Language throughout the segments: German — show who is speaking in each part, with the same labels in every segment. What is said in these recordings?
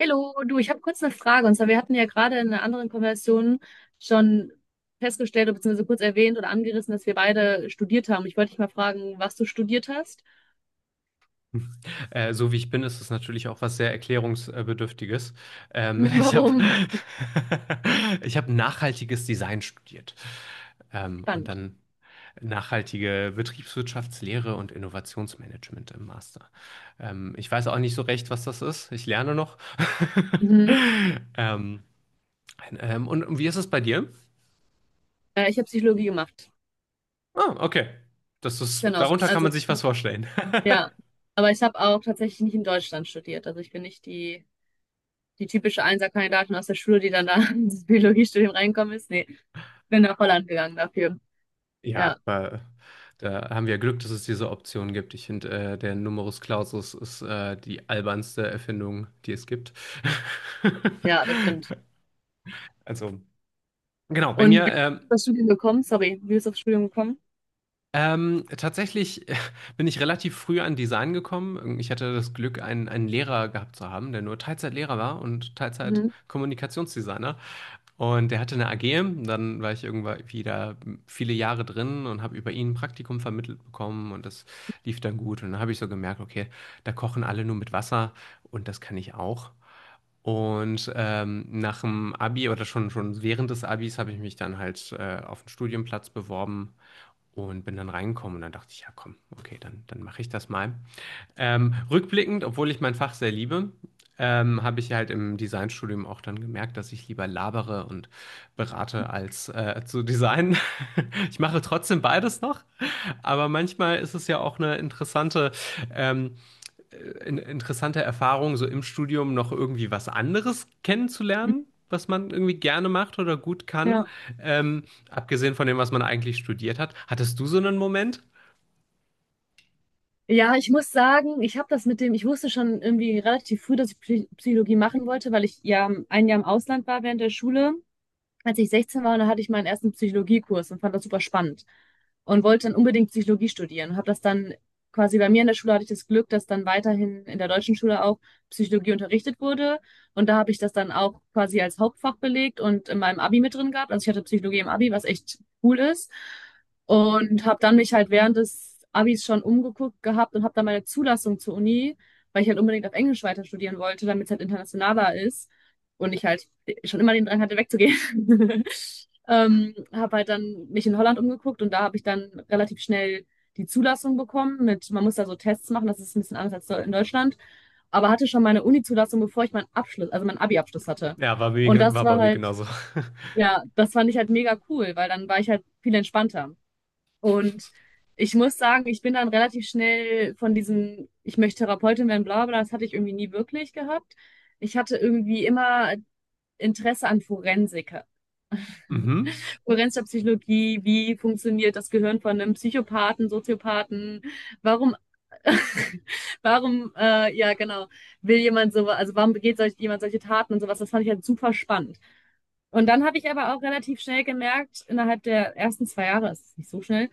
Speaker 1: Hallo, du, ich habe kurz eine Frage. Und zwar, wir hatten ja gerade in einer anderen Konversation schon festgestellt, oder beziehungsweise kurz erwähnt oder angerissen, dass wir beide studiert haben. Ich wollte dich mal fragen, was du studiert hast
Speaker 2: So wie ich bin, ist es natürlich auch was sehr Erklärungsbedürftiges.
Speaker 1: und
Speaker 2: Ich habe
Speaker 1: warum.
Speaker 2: Ich hab nachhaltiges Design studiert. Und
Speaker 1: Spannend.
Speaker 2: dann nachhaltige Betriebswirtschaftslehre und Innovationsmanagement im Master. Ich weiß auch nicht so recht, was das ist. Ich lerne noch.
Speaker 1: Mhm.
Speaker 2: Ähm, und wie ist es bei dir?
Speaker 1: Ich habe Psychologie gemacht.
Speaker 2: Ah, okay. Das ist,
Speaker 1: Genau.
Speaker 2: darunter kann man
Speaker 1: Also,
Speaker 2: sich was vorstellen.
Speaker 1: ja. Aber ich habe auch tatsächlich nicht in Deutschland studiert. Also, ich bin nicht die, die typische Einserkandidatin aus der Schule, die dann da ins Biologiestudium reingekommen ist. Nee, bin nach Holland gegangen dafür.
Speaker 2: Ja,
Speaker 1: Ja,
Speaker 2: aber da haben wir Glück, dass es diese Option gibt. Ich finde, der Numerus Clausus ist die albernste Erfindung, die es gibt.
Speaker 1: ja, das stimmt.
Speaker 2: Also, genau, bei
Speaker 1: Und
Speaker 2: mir.
Speaker 1: wie bist du aufs Studium gekommen? Sorry, wie bist du aufs Studium gekommen?
Speaker 2: Tatsächlich bin ich relativ früh an Design gekommen. Ich hatte das Glück, einen Lehrer gehabt zu haben, der nur Teilzeitlehrer war und
Speaker 1: Mhm.
Speaker 2: Teilzeit-Kommunikationsdesigner. Und der hatte eine AG. Dann war ich irgendwann wieder viele Jahre drin und habe über ihn ein Praktikum vermittelt bekommen und das lief dann gut. Und dann habe ich so gemerkt, okay, da kochen alle nur mit Wasser und das kann ich auch. Und nach dem Abi oder schon während des Abis habe ich mich dann halt auf einen Studienplatz beworben und bin dann reingekommen und dann dachte ich, ja komm, okay, dann, dann mache ich das mal. Rückblickend, obwohl ich mein Fach sehr liebe, habe ich halt im Designstudium auch dann gemerkt, dass ich lieber labere und berate als zu designen. Ich mache trotzdem beides noch, aber manchmal ist es ja auch eine interessante ähm, äh, interessante Erfahrung, so im Studium noch irgendwie was anderes
Speaker 1: Mhm.
Speaker 2: kennenzulernen, was man irgendwie gerne macht oder gut kann,
Speaker 1: Ja.
Speaker 2: ähm, abgesehen von dem, was man eigentlich studiert hat. Hattest du so einen Moment?
Speaker 1: Ja ich muss sagen, ich habe das mit dem, ich wusste schon irgendwie relativ früh, dass ich Psychologie machen wollte, weil ich ja ein Jahr im Ausland war während der Schule. Als ich 16 war, da hatte ich meinen ersten Psychologiekurs und fand das super spannend und wollte dann unbedingt Psychologie studieren. Und habe das dann quasi bei mir in der Schule hatte ich das Glück, dass dann weiterhin in der deutschen Schule auch Psychologie unterrichtet wurde. Und da habe ich das dann auch quasi als Hauptfach belegt und in meinem Abi mit drin gehabt. Also ich hatte Psychologie im Abi, was echt cool ist. Und habe dann mich halt während des Abis schon umgeguckt gehabt und habe dann meine Zulassung zur Uni, weil ich halt unbedingt auf Englisch weiter studieren wollte, damit es halt internationaler ist und ich halt schon immer den Drang hatte, wegzugehen. Habe halt dann mich in Holland umgeguckt und da habe ich dann relativ schnell die Zulassung bekommen mit, man muss da so Tests machen, das ist ein bisschen anders als in Deutschland, aber hatte schon meine Uni-Zulassung, bevor ich meinen Abschluss, also meinen Abi-Abschluss hatte.
Speaker 2: Ja,
Speaker 1: Und
Speaker 2: mir,
Speaker 1: das
Speaker 2: war
Speaker 1: war
Speaker 2: bei mir
Speaker 1: halt,
Speaker 2: genauso.
Speaker 1: ja, das fand ich halt mega cool, weil dann war ich halt viel entspannter. Und ich muss sagen, ich bin dann relativ schnell von diesem, ich möchte Therapeutin werden, bla bla, das hatte ich irgendwie nie wirklich gehabt. Ich hatte irgendwie immer Interesse an Forensik,
Speaker 2: Mhm.
Speaker 1: Kohärenz Psychologie, wie funktioniert das Gehirn von einem Psychopathen, Soziopathen, warum, warum, ja genau, will jemand so, also warum begeht solch, jemand solche Taten und sowas, das fand ich halt super spannend. Und dann habe ich aber auch relativ schnell gemerkt, innerhalb der ersten zwei Jahre, es ist nicht so schnell,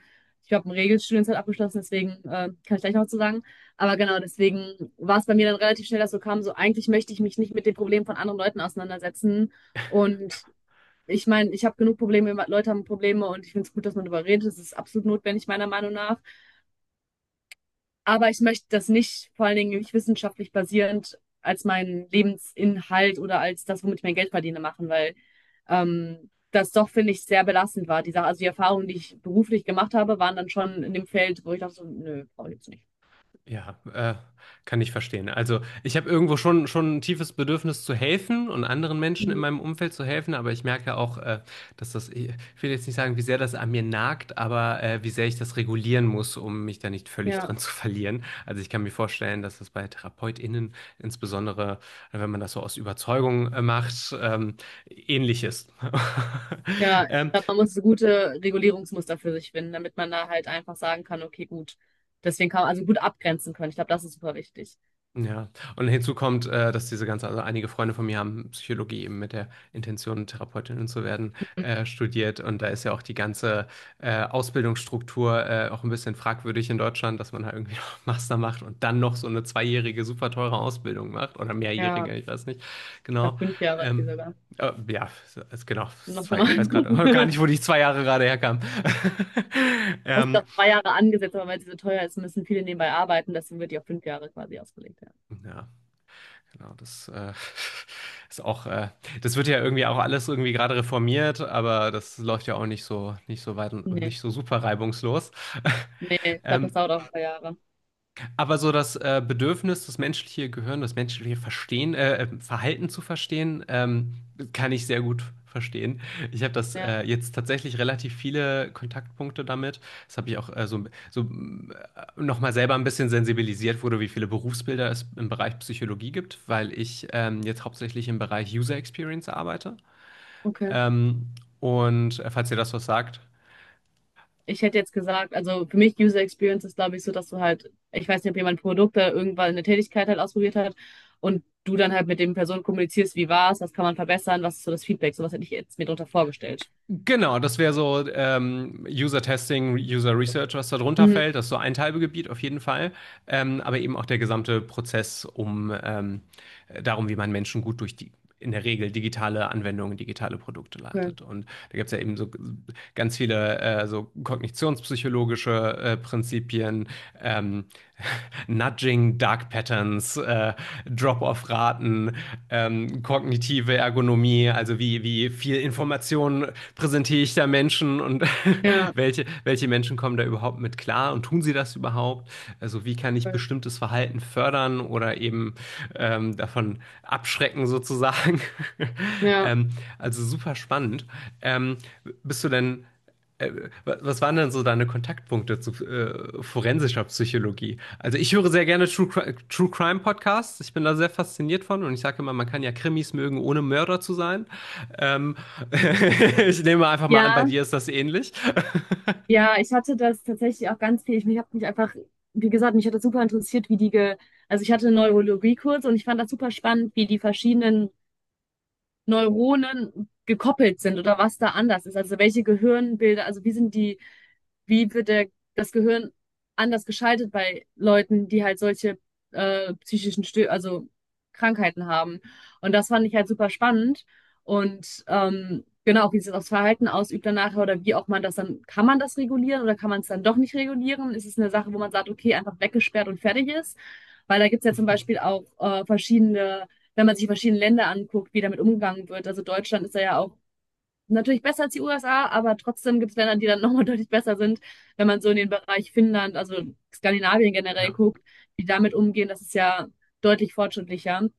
Speaker 1: ich habe ein Regelstudium halt abgeschlossen, deswegen kann ich gleich noch was zu sagen. Aber genau, deswegen war es bei mir dann relativ schnell, dass so kam, so eigentlich möchte ich mich nicht mit den Problemen von anderen Leuten auseinandersetzen und ich meine, ich habe genug Probleme, Leute haben Probleme und ich finde es gut, dass man darüber redet. Das ist absolut notwendig, meiner Meinung nach. Aber ich möchte das nicht, vor allen Dingen nicht wissenschaftlich basierend, als meinen Lebensinhalt oder als das, womit ich mein Geld verdiene, machen, weil das doch, finde ich, sehr belastend war. Die Sache, also die Erfahrungen, die ich beruflich gemacht habe, waren dann schon in dem Feld, wo ich dachte, so, nö, brauche ich jetzt nicht.
Speaker 2: Ja, kann ich verstehen. Also ich habe schon ein tiefes Bedürfnis zu helfen und anderen Menschen in
Speaker 1: Mhm.
Speaker 2: meinem Umfeld zu helfen, aber ich merke auch, dass ich will jetzt nicht sagen, wie sehr das an mir nagt, aber wie sehr ich das regulieren muss, um mich da nicht völlig
Speaker 1: Ja,
Speaker 2: drin zu verlieren. Also ich kann mir vorstellen, dass das bei TherapeutInnen, insbesondere wenn man das so aus Überzeugung macht, ähnlich ist.
Speaker 1: ja, ich
Speaker 2: Ähm,
Speaker 1: glaube, man muss so gute Regulierungsmuster für sich finden, damit man da halt einfach sagen kann, okay, gut. Deswegen kann man also gut abgrenzen können. Ich glaube, das ist super wichtig.
Speaker 2: Ja, und hinzu kommt, dass also einige Freunde von mir haben Psychologie eben mit der Intention, Therapeutin zu werden, studiert. Und da ist ja auch die ganze Ausbildungsstruktur auch ein bisschen fragwürdig in Deutschland, dass man halt irgendwie noch Master macht und dann noch so eine zweijährige, super teure Ausbildung macht oder
Speaker 1: Ja,
Speaker 2: mehrjährige, ich weiß nicht
Speaker 1: ich glaube,
Speaker 2: genau.
Speaker 1: fünf Jahre ist die
Speaker 2: Ähm,
Speaker 1: sogar.
Speaker 2: ja, ist genau,
Speaker 1: Noch schon
Speaker 2: zwei, ich weiß gerade gar
Speaker 1: mal.
Speaker 2: nicht, wo die zwei Jahre gerade herkamen.
Speaker 1: Das ist
Speaker 2: Ähm,
Speaker 1: doch zwei Jahre angesetzt, aber weil sie so teuer ist, müssen viele nebenbei arbeiten. Deswegen wird die auf fünf Jahre quasi ausgelegt. Ja.
Speaker 2: ja. Genau, das ist auch, das wird ja irgendwie auch alles irgendwie gerade reformiert, aber das läuft ja auch nicht so weit, und-
Speaker 1: Nee,
Speaker 2: nicht so super reibungslos.
Speaker 1: nee, ich glaube, das
Speaker 2: Ähm,
Speaker 1: dauert auch zwei Jahre.
Speaker 2: aber so das Bedürfnis, das menschliche Gehirn, das menschliche Verstehen, Verhalten zu verstehen, kann ich sehr gut verstehen. Ich habe das
Speaker 1: Ja,
Speaker 2: jetzt tatsächlich relativ viele Kontaktpunkte damit. Das habe ich auch so nochmal selber ein bisschen sensibilisiert wurde, wie viele Berufsbilder es im Bereich Psychologie gibt, weil ich jetzt hauptsächlich im Bereich User Experience arbeite.
Speaker 1: okay.
Speaker 2: Ähm, falls ihr das was sagt.
Speaker 1: Ich hätte jetzt gesagt, also für mich User Experience ist, glaube ich, so, dass du halt, ich weiß nicht, ob jemand Produkte irgendwann eine Tätigkeit halt ausprobiert hat und du dann halt mit dem Personen kommunizierst, wie war's, was kann man verbessern, was ist so das Feedback, sowas hätte ich jetzt mir darunter vorgestellt.
Speaker 2: Genau, das wäre so User Testing, User Research, was da drunter
Speaker 1: Mhm.
Speaker 2: fällt. Das ist so ein Teilgebiet auf jeden Fall. Aber eben auch der gesamte Prozess um darum, wie man Menschen gut durch die in der Regel digitale Anwendungen, digitale Produkte
Speaker 1: Okay.
Speaker 2: leitet. Und da gibt es ja eben so ganz viele so kognitionspsychologische Prinzipien, ähm, Nudging, Dark Patterns, Drop-off-Raten, kognitive Ergonomie, also wie viel Information präsentiere ich da Menschen und
Speaker 1: Ja,
Speaker 2: welche Menschen kommen da überhaupt mit klar und tun sie das überhaupt? Also wie kann ich
Speaker 1: cool.
Speaker 2: bestimmtes Verhalten fördern oder eben davon abschrecken sozusagen.
Speaker 1: Ja.
Speaker 2: ähm, also super spannend. Ähm, bist du denn, äh, was waren denn so deine Kontaktpunkte zu forensischer Psychologie? Also ich höre sehr gerne True Crime Podcasts. Ich bin da sehr fasziniert von und ich sage immer, man kann ja Krimis mögen, ohne Mörder zu sein. Ähm, ich nehme einfach mal an, bei
Speaker 1: Ja,
Speaker 2: dir ist das ähnlich.
Speaker 1: Ja, ich hatte das tatsächlich auch ganz viel. Ich habe mich einfach, wie gesagt, mich hat das super interessiert, wie die, ge also ich hatte einen Neurologiekurs und ich fand das super spannend, wie die verschiedenen Neuronen gekoppelt sind oder was da anders ist. Also welche Gehirnbilder, also wie sind die wie wird der, das Gehirn anders geschaltet bei Leuten, die halt solche psychischen Stö also Krankheiten haben. Und das fand ich halt super spannend. Und genau, wie sich das Verhalten ausübt danach oder wie auch man das dann, kann man das regulieren oder kann man es dann doch nicht regulieren? Ist es eine Sache, wo man sagt, okay, einfach weggesperrt und fertig ist? Weil da gibt's ja zum Beispiel auch verschiedene, wenn man sich verschiedene Länder anguckt, wie damit umgegangen wird. Also Deutschland ist da ja auch natürlich besser als die USA, aber trotzdem gibt es Länder, die dann nochmal deutlich besser sind, wenn man so in den Bereich Finnland, also Skandinavien generell
Speaker 2: Ja.
Speaker 1: guckt, die damit umgehen, das ist ja deutlich fortschrittlicher.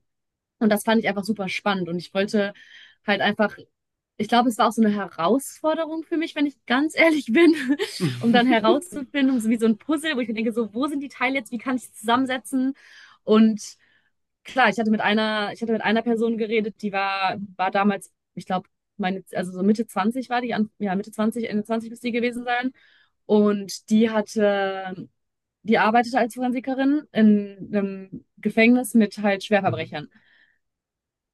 Speaker 1: Und das fand ich einfach super spannend und ich wollte halt einfach, ich glaube, es war auch so eine Herausforderung für mich, wenn ich ganz ehrlich bin, um dann herauszufinden, so wie so ein Puzzle, wo ich mir denke, so, wo sind die Teile jetzt, wie kann ich sie zusammensetzen? Und klar, ich hatte mit einer Person geredet, die war damals, ich glaube, meine, also so Mitte 20 war die, an, ja, Mitte 20 Ende 20 müsste die gewesen sein. Und die arbeitete als Forensikerin in einem Gefängnis mit halt
Speaker 2: Mhm.
Speaker 1: Schwerverbrechern.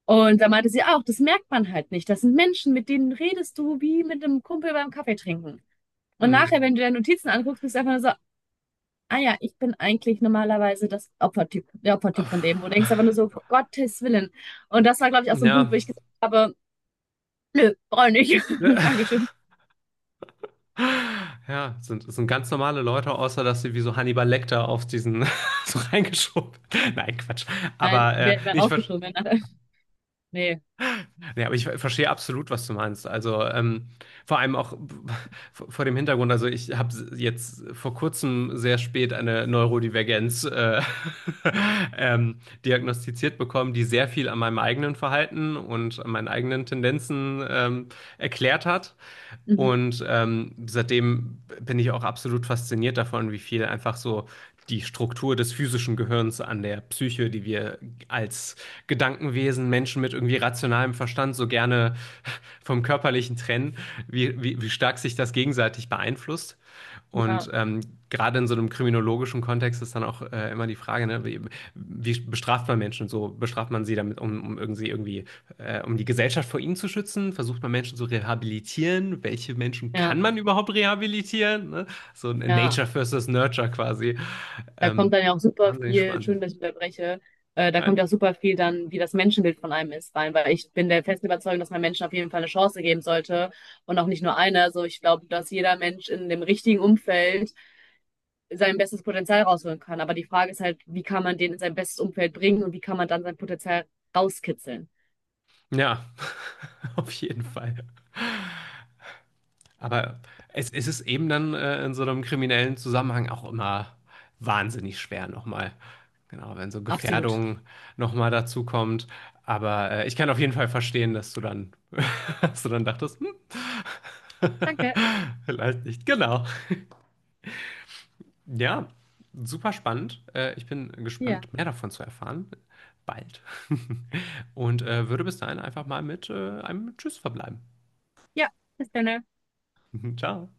Speaker 1: Und da meinte sie auch, das merkt man halt nicht. Das sind Menschen, mit denen redest du wie mit einem Kumpel beim Kaffee trinken. Und
Speaker 2: Mhm.
Speaker 1: nachher, wenn du deine Notizen anguckst, bist du einfach nur so, ah ja, ich bin eigentlich normalerweise das Opfertyp, der Opfertyp von dem, wo du denkst aber nur so, um Gottes Willen. Und das war, glaube ich, auch so ein Punkt, wo
Speaker 2: Ja,
Speaker 1: ich gesagt habe, nö, brauche ich nicht. Dankeschön.
Speaker 2: ja, es es sind ganz normale Leute, außer dass sie wie so Hannibal Lecter auf diesen so reingeschoben. Nein, Quatsch.
Speaker 1: Nein,
Speaker 2: Aber,
Speaker 1: wäre wär rausgeschoben. Wenn, alle- nee.
Speaker 2: nee, aber ich verstehe absolut, was du meinst. Also vor allem auch vor dem Hintergrund. Also ich habe jetzt vor kurzem sehr spät eine Neurodivergenz ähm, diagnostiziert bekommen, die sehr viel an meinem eigenen Verhalten und an meinen eigenen Tendenzen erklärt hat.
Speaker 1: Mhm.
Speaker 2: Und seitdem bin ich auch absolut fasziniert davon, wie viel einfach so die Struktur des physischen Gehirns an der Psyche, die wir als Gedankenwesen, Menschen mit irgendwie rationalem Verstand so gerne vom Körperlichen trennen, wie stark sich das gegenseitig beeinflusst.
Speaker 1: Ja,
Speaker 2: Und gerade in so einem kriminologischen Kontext ist dann auch immer die Frage, ne, wie bestraft man Menschen? So bestraft man sie damit, um irgendwie um die Gesellschaft vor ihnen zu schützen? Versucht man Menschen zu rehabilitieren? Welche Menschen
Speaker 1: ja,
Speaker 2: kann man überhaupt rehabilitieren? Ne? So ein
Speaker 1: ja.
Speaker 2: Nature versus Nurture quasi.
Speaker 1: Da kommt
Speaker 2: Ähm,
Speaker 1: dann ja auch super
Speaker 2: wahnsinnig
Speaker 1: viel,
Speaker 2: spannend.
Speaker 1: schön, dass ich unterbreche, da kommt ja auch super viel dann, wie das Menschenbild von einem ist, rein, weil ich bin der festen Überzeugung, dass man Menschen auf jeden Fall eine Chance geben sollte und auch nicht nur eine. Also ich glaube, dass jeder Mensch in dem richtigen Umfeld sein bestes Potenzial rausholen kann. Aber die Frage ist halt, wie kann man den in sein bestes Umfeld bringen und wie kann man dann sein Potenzial rauskitzeln?
Speaker 2: Ja, auf jeden Fall. Aber es ist eben dann in so einem kriminellen Zusammenhang auch immer wahnsinnig schwer nochmal. Genau, wenn so
Speaker 1: Absolut.
Speaker 2: Gefährdung nochmal dazu kommt. Aber ich kann auf jeden Fall verstehen, dass du dann, dass du dann dachtest, hm,
Speaker 1: Danke.
Speaker 2: vielleicht nicht. Genau. Ja, super spannend. Ich bin
Speaker 1: Ja.
Speaker 2: gespannt, mehr davon zu erfahren. Bald. Und würde bis dahin einfach mal mit einem Tschüss verbleiben.
Speaker 1: Ja, bis dann.
Speaker 2: Ciao.